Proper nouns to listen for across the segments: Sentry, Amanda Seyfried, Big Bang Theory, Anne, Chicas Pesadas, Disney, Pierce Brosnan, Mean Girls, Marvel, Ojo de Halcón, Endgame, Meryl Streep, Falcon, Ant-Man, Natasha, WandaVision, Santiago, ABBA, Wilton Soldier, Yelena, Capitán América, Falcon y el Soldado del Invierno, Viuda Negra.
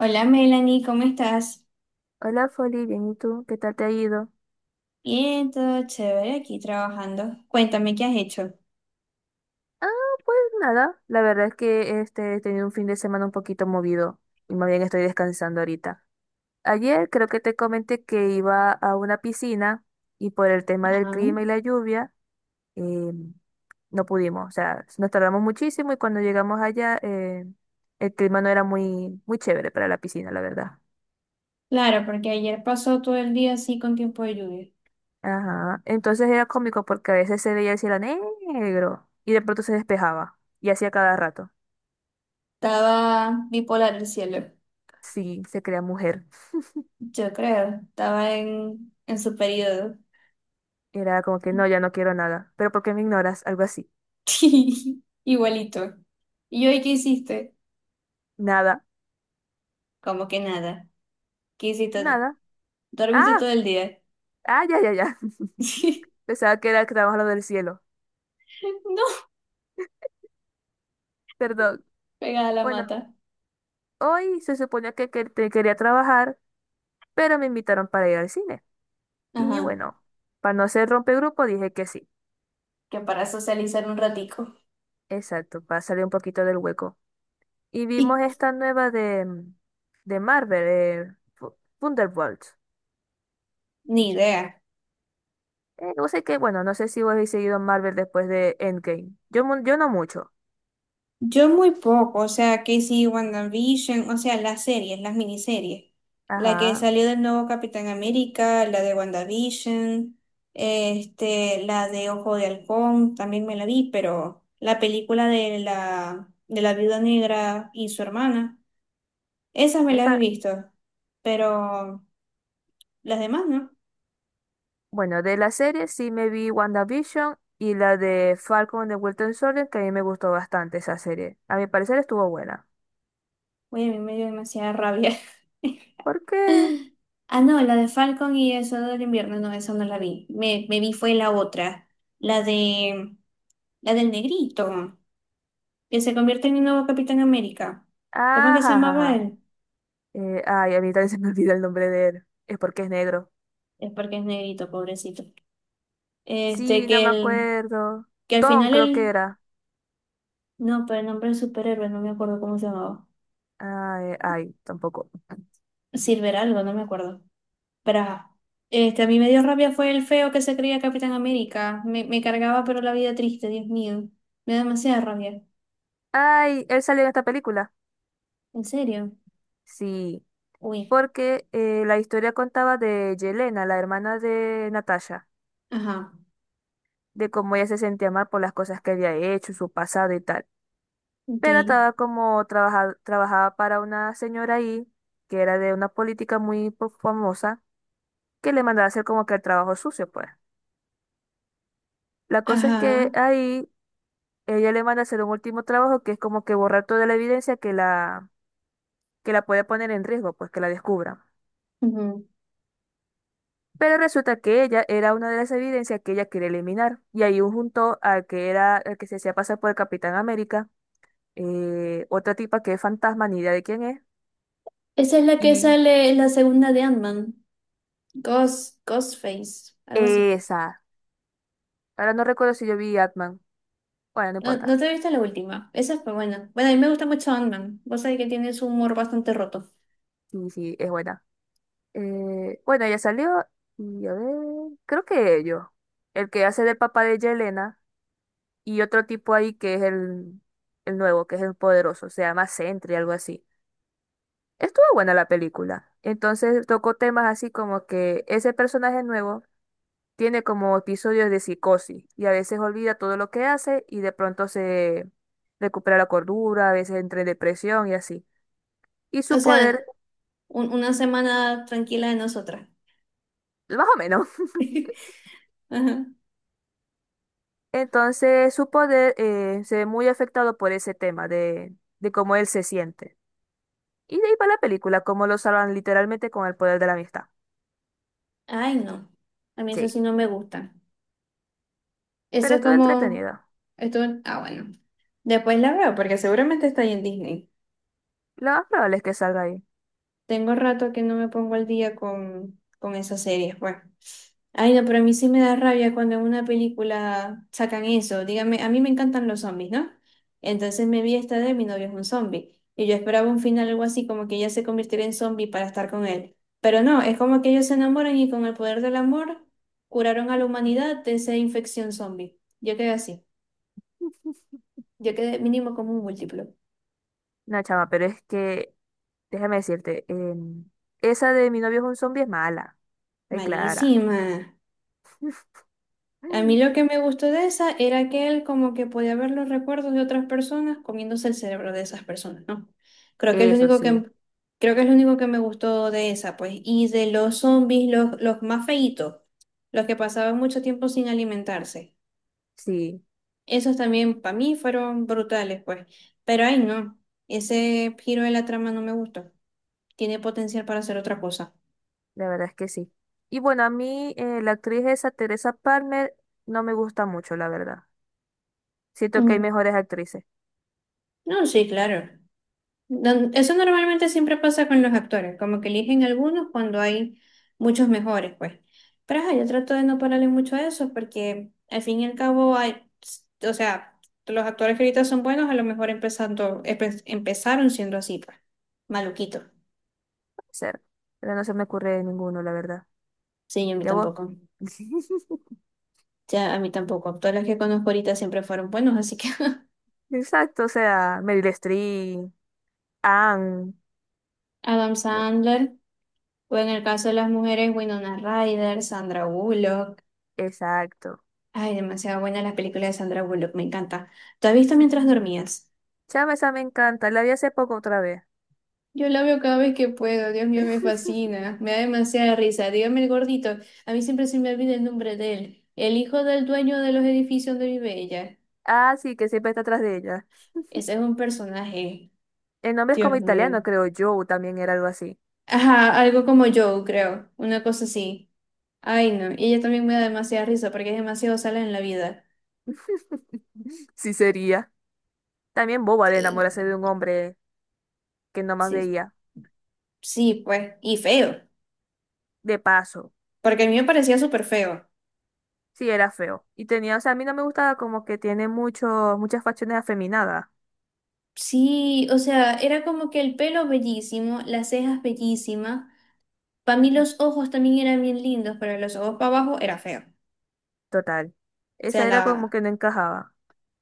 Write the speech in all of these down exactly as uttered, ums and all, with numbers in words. Hola Melanie, ¿cómo estás? Hola, Foli, bien, ¿y tú? ¿Qué tal te ha ido? Bien, todo chévere aquí trabajando. Cuéntame qué has hecho. Ah, pues nada, la verdad es que este, he tenido un fin de semana un poquito movido y más bien estoy descansando ahorita. Ayer creo que te comenté que iba a una piscina y por el tema del clima y la lluvia, eh, no pudimos, o sea, nos tardamos muchísimo y cuando llegamos allá eh, el clima no era muy, muy chévere para la piscina, la verdad. Claro, porque ayer pasó todo el día así con tiempo de lluvia. Ajá, entonces era cómico porque a veces se veía el cielo negro y de pronto se despejaba y hacía cada rato. Estaba bipolar el cielo, Sí, se crea mujer. yo creo. Estaba en, en su periodo. Era como que no, ya no quiero nada. ¿Pero por qué me ignoras? Algo así. Igualito. ¿Y hoy qué hiciste? Nada, Como que nada. ¿Qué hiciste? nada. ¿Dormiste Ah, todo el día? ah, ya, ya, ya. Pensaba que era que estábamos lo del cielo. No, Perdón. pegada a la Bueno, mata. hoy se suponía que, que te quería trabajar, pero me invitaron para ir al cine. Y Ajá, bueno, para no ser rompegrupo, dije que sí. que para socializar un ratico. Exacto, para salir un poquito del hueco. Y Y vimos esta nueva de, mm, de Marvel, eh, Fu- Thunderbolts. ni idea. Eh, no sé qué, bueno, no sé si vos habéis seguido Marvel después de Endgame. Yo, mu- yo no mucho. Yo muy poco, o sea, que sí, WandaVision, o sea, las series, las miniseries. La que Ajá. salió del nuevo Capitán América, la de WandaVision, este, la de Ojo de Halcón, también me la vi, pero la película de la, de la Viuda Negra y su hermana, esas me las he Esa, visto, pero las demás no. bueno, de la serie sí me vi WandaVision y la de Falcon de Wilton Soldier, que a mí me gustó bastante esa serie. A mi parecer estuvo buena. Oye, a mí me dio demasiada rabia. ¿Por qué? Ah, no, la de Falcon y el Soldado del Invierno, no, esa no la vi. Me, me vi fue la otra, la de La del negrito, que se convierte en el nuevo Capitán América. ¿Cómo es Ajá, que se ajá, llamaba ajá. él? Eh, ay, a mí también se me olvida el nombre de él. Es porque es negro. Es porque es negrito, pobrecito. Este, Sí, no que me el, acuerdo. que al Tom, final creo que él, era. no, pero el nombre del superhéroe, no me acuerdo cómo se llamaba. Ay, ay, tampoco. Silver algo, no me acuerdo. Pero ajá. Este, a mí me dio rabia fue el feo que se creía Capitán América. Me, me cargaba, pero la vida triste, Dios mío. Me da demasiada rabia. Ay, él salió en esta película. ¿En serio? Sí, Uy. porque eh, la historia contaba de Yelena, la hermana de Natasha, Ajá. de cómo ella se sentía mal por las cosas que había hecho, su pasado y tal. Ok. Pero estaba como trabaja- trabajaba para una señora ahí, que era de una política muy po- famosa, que le mandaba hacer como que el trabajo sucio, pues. La cosa es Ajá. que ahí ella le manda hacer un último trabajo que es como que borrar toda la evidencia que la, que la puede poner en riesgo, pues que la descubran. Ujú. Pero resulta que ella era una de las evidencias que ella quería eliminar. Y ahí juntó al que era, el que se hacía pasar por el Capitán América, eh, otra tipa que es fantasma, ni idea de quién es. Esa es la que Y sale en la segunda de Ant-Man. Ghost, Ghostface, algo así. esa. Ahora no recuerdo si yo vi Atman. Bueno, no No, no importa. te viste la última. Esa fue buena. Bueno, a mí me gusta mucho Ant-Man. Vos sabés que tiene su humor bastante roto. Sí, sí, es buena. Eh, bueno, ella salió y a ver, creo que ellos. El que hace del papá de Yelena y otro tipo ahí que es el, el nuevo, que es el poderoso. Se llama Sentry, algo así. Estuvo buena la película. Entonces tocó temas así como que ese personaje nuevo tiene como episodios de psicosis y a veces olvida todo lo que hace y de pronto se recupera la cordura, a veces entra en depresión y así. Y O su sea, poder, un- una semana tranquila de nosotras. más o menos. Ajá. Entonces su poder eh, se ve muy afectado por ese tema de, de cómo él se siente. Y de ahí va la película, cómo lo salvan literalmente con el poder de la amistad. Ay, no. A mí eso Sí, sí no me gusta. Eso pero es estuvo como. entretenida. Esto. Ah, bueno. Después la veo, porque seguramente está ahí en Disney. Lo más probable es que salga ahí. Tengo rato que no me pongo al día con, con esas series, bueno. Ay, no, pero a mí sí me da rabia cuando en una película sacan eso. Dígame, a mí me encantan los zombies, ¿no? Entonces me vi esta de mi novio es un zombie. Y yo esperaba un final algo así, como que ella se convirtiera en zombie para estar con él. Pero no, es como que ellos se enamoran y con el poder del amor curaron a la humanidad de esa infección zombie. Yo quedé así. Yo quedé mínimo como un múltiplo. No, chama, pero es que déjame decirte, em, esa de mi novio es un zombie es mala. Ay, Clara. Malísima. A mí lo que me gustó de esa era que él como que podía ver los recuerdos de otras personas comiéndose el cerebro de esas personas, ¿no? Creo que es lo Eso único sí, que, creo que es lo único que me gustó de esa, pues. Y de los zombies, los, los más feitos, los que pasaban mucho tiempo sin alimentarse. sí, Esos también para mí fueron brutales, pues. Pero ay, no, ese giro de la trama no me gustó. Tiene potencial para hacer otra cosa. la verdad es que sí. Y bueno, a mí eh, la actriz esa, Teresa Palmer, no me gusta mucho, la verdad. Siento que hay Mm. mejores actrices, No, sí, claro. Don- Eso normalmente siempre pasa con los actores, como que eligen algunos cuando hay muchos mejores, pues. Pero ajá, yo trato de no pararle mucho a eso porque al fin y al cabo hay, o sea, los actores que ahorita son buenos a lo mejor empezando, empe- empezaron siendo así, pues, maluquito. puede ser, pero no se me ocurre ninguno, la verdad. Sí, a mí ¿Ya vos? tampoco. Ya, a mí tampoco. Todas las que conozco ahorita siempre fueron buenos, así que Exacto, o sea, Meryl Streep, Anne, Adam ¿no? Sandler, o en el caso de las mujeres, Winona Ryder, Sandra Bullock. Exacto. Ay, demasiado buena la película de Sandra Bullock, me encanta. ¿Tú has visto mientras Sí. dormías? Chama, esa me encanta, la vi hace poco otra vez. Yo la veo cada vez que puedo, Dios mío, me fascina, me da demasiada risa. Dígame el gordito, a mí siempre se me olvida el nombre de él, el hijo del dueño de los edificios donde vive ella. Ah, sí, que siempre está atrás de ella. Ese es un personaje, El nombre es como Dios mío. italiano, creo yo, o también era algo así. Ajá, algo como Joe, creo, una cosa así. Ay, no, y ella también me da demasiada risa porque es demasiado sala en la vida. Sí sería. También boba de enamorarse Eh, de un hombre que no más Sí, veía. sí, pues, y feo, De paso. porque a mí me parecía súper feo. Sí, era feo. Y tenía, o sea, a mí no me gustaba como que tiene muchos, muchas facciones afeminadas. Sí, o sea, era como que el pelo bellísimo, las cejas bellísimas. Para mí Ujú. los ojos también eran bien lindos, pero los ojos para abajo era feo. O Total. sea, Esa era como la... que no encajaba.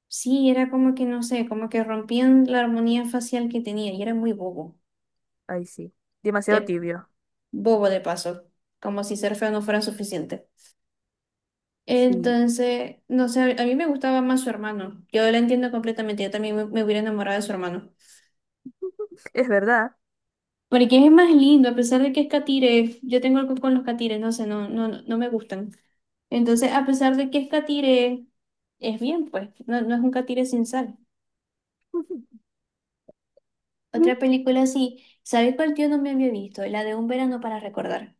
Sí, era como que, no sé, como que rompían la armonía facial que tenía y era muy bobo, Ahí sí. de Demasiado tibio. bobo de paso, como si ser feo no fuera suficiente. Sí. Entonces, no sé, a mí me gustaba más su hermano. Yo lo entiendo completamente, yo también me, me hubiera enamorado de su hermano. Es verdad. Porque es más lindo, a pesar de que es catire, yo tengo algo con los catires, no sé, no, no, no no me gustan. Entonces, a pesar de que es catire, es bien, pues, no, no es un catire sin sal. Otra película así, ¿sabes cuál tío no me había visto? La de Un verano para recordar,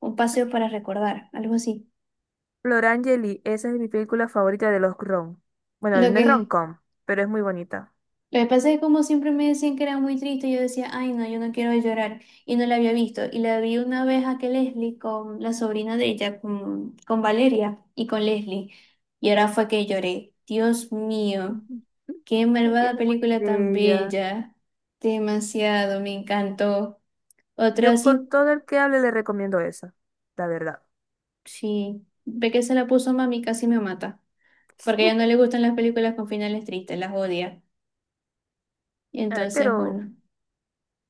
un paseo para recordar, algo así. Florangeli, esa es mi película favorita de los rom. Bueno, Lo no es que rom-com, pero es muy bonita. Lo que pasa es que como siempre me decían que era muy triste, yo decía, ay no, yo no quiero llorar y no la había visto. Y la vi una vez a que Leslie con la sobrina de ella, con, con Valeria y con Leslie. Y ahora fue que lloré. Dios mío, Ujú. qué Sí, que es malvada muy película tan bella. bella. Demasiado, me encantó. Yo Otra con sí, todo el que hable le recomiendo esa, la verdad. sí, ve que se la puso mami, casi me mata. Porque a ella no le gustan las películas con finales tristes, las odia. Y Ay, entonces, pero, bueno,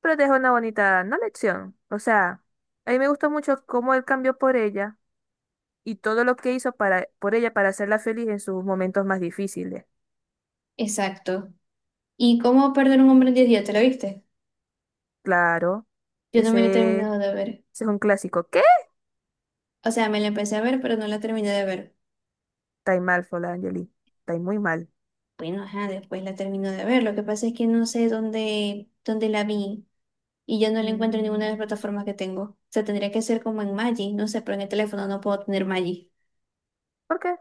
pero deja una bonita, no lección. O sea, a mí me gustó mucho cómo él cambió por ella y todo lo que hizo para, por ella para hacerla feliz en sus momentos más difíciles. exacto. ¿Y cómo perder un hombre en diez días? ¿Te lo viste? Claro, Yo no me la he ese, terminado ese de ver. es un clásico. ¿Qué? O sea, me la empecé a ver, pero no la terminé de ver. Está ahí mal, Fola Angeli. Está ahí muy mal. Bueno, ajá, después la termino de ver. Lo que pasa es que no sé dónde, dónde la vi y ya no la encuentro en ninguna de las Mm, plataformas que tengo. O sea, tendría que ser como en Magi, no sé, pero en el teléfono no puedo tener Magi. ¿por qué?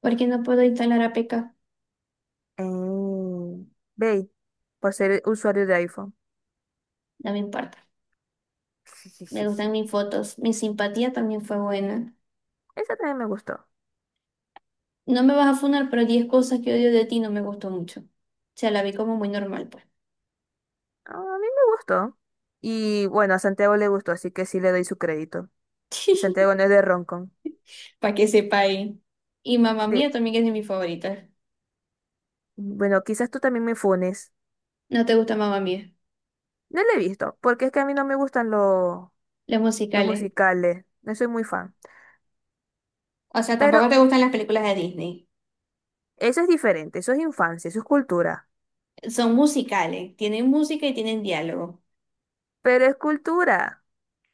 Porque no puedo instalar A P K, Eh, Bey, por ser usuario de iPhone. no me importa. Me gustan mis fotos. Mi simpatía también fue buena. Esa también me gustó. No me vas a funar, pero diez cosas que odio de ti no me gustó mucho. O sea, la vi como muy normal, pues. Ah, a mí me gustó. Y bueno, a Santiago le gustó, así que sí le doy su crédito. Y Santiago no es de Roncon. Para que sepáis. Y Mamma De, Mía también es de mis favoritas. bueno, quizás tú también me funes. ¿No te gusta Mamma Mía? No le he visto, porque es que a mí no me gustan los Los los musicales. musicales. No soy muy fan. O sea, Pero tampoco te gustan las películas de Disney. eso es diferente, eso es infancia, eso es cultura. Son musicales, tienen música y tienen diálogo. Pero es cultura.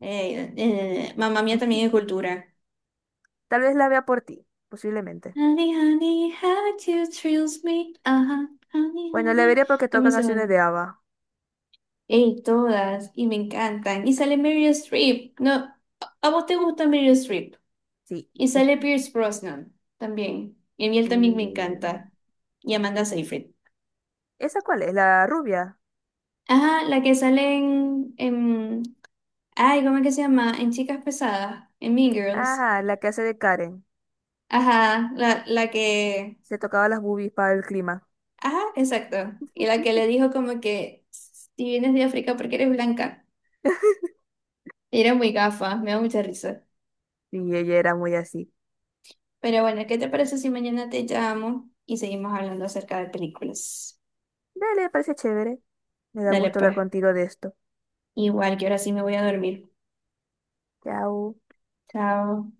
Eh, eh, Mamma Mía también es cultura. Tal vez la vea por ti, posiblemente. Honey, honey, how you thrills me. Ajá, honey, Bueno, la honey. vería porque Es toca muy canciones buena. de ABBA. Ey, todas, y me encantan. Y sale Meryl Streep. No, ¿a vos te gusta Meryl Streep? Sí. Y sale Pierce Brosnan también. Y a mí él Y- también me encanta. Y Amanda Seyfried. ¿Esa cuál es? ¿La rubia? Ajá, la que sale en, en- Ay, ¿cómo es que se llama? En Chicas Pesadas, en Mean Girls. Ah, la que hace de Karen. Ajá, la, la que. Se tocaba las boobies para el clima. Ajá, exacto. Y la que le dijo como que si vienes de África porque eres blanca. Y era muy gafa, me da mucha risa. Y ella era muy así. Pero bueno, ¿qué te parece si mañana te llamo y seguimos hablando acerca de películas? Dale, parece chévere. Me da Dale gusto hablar pues. contigo de esto. Igual que ahora sí me voy a dormir. Chao. Chao.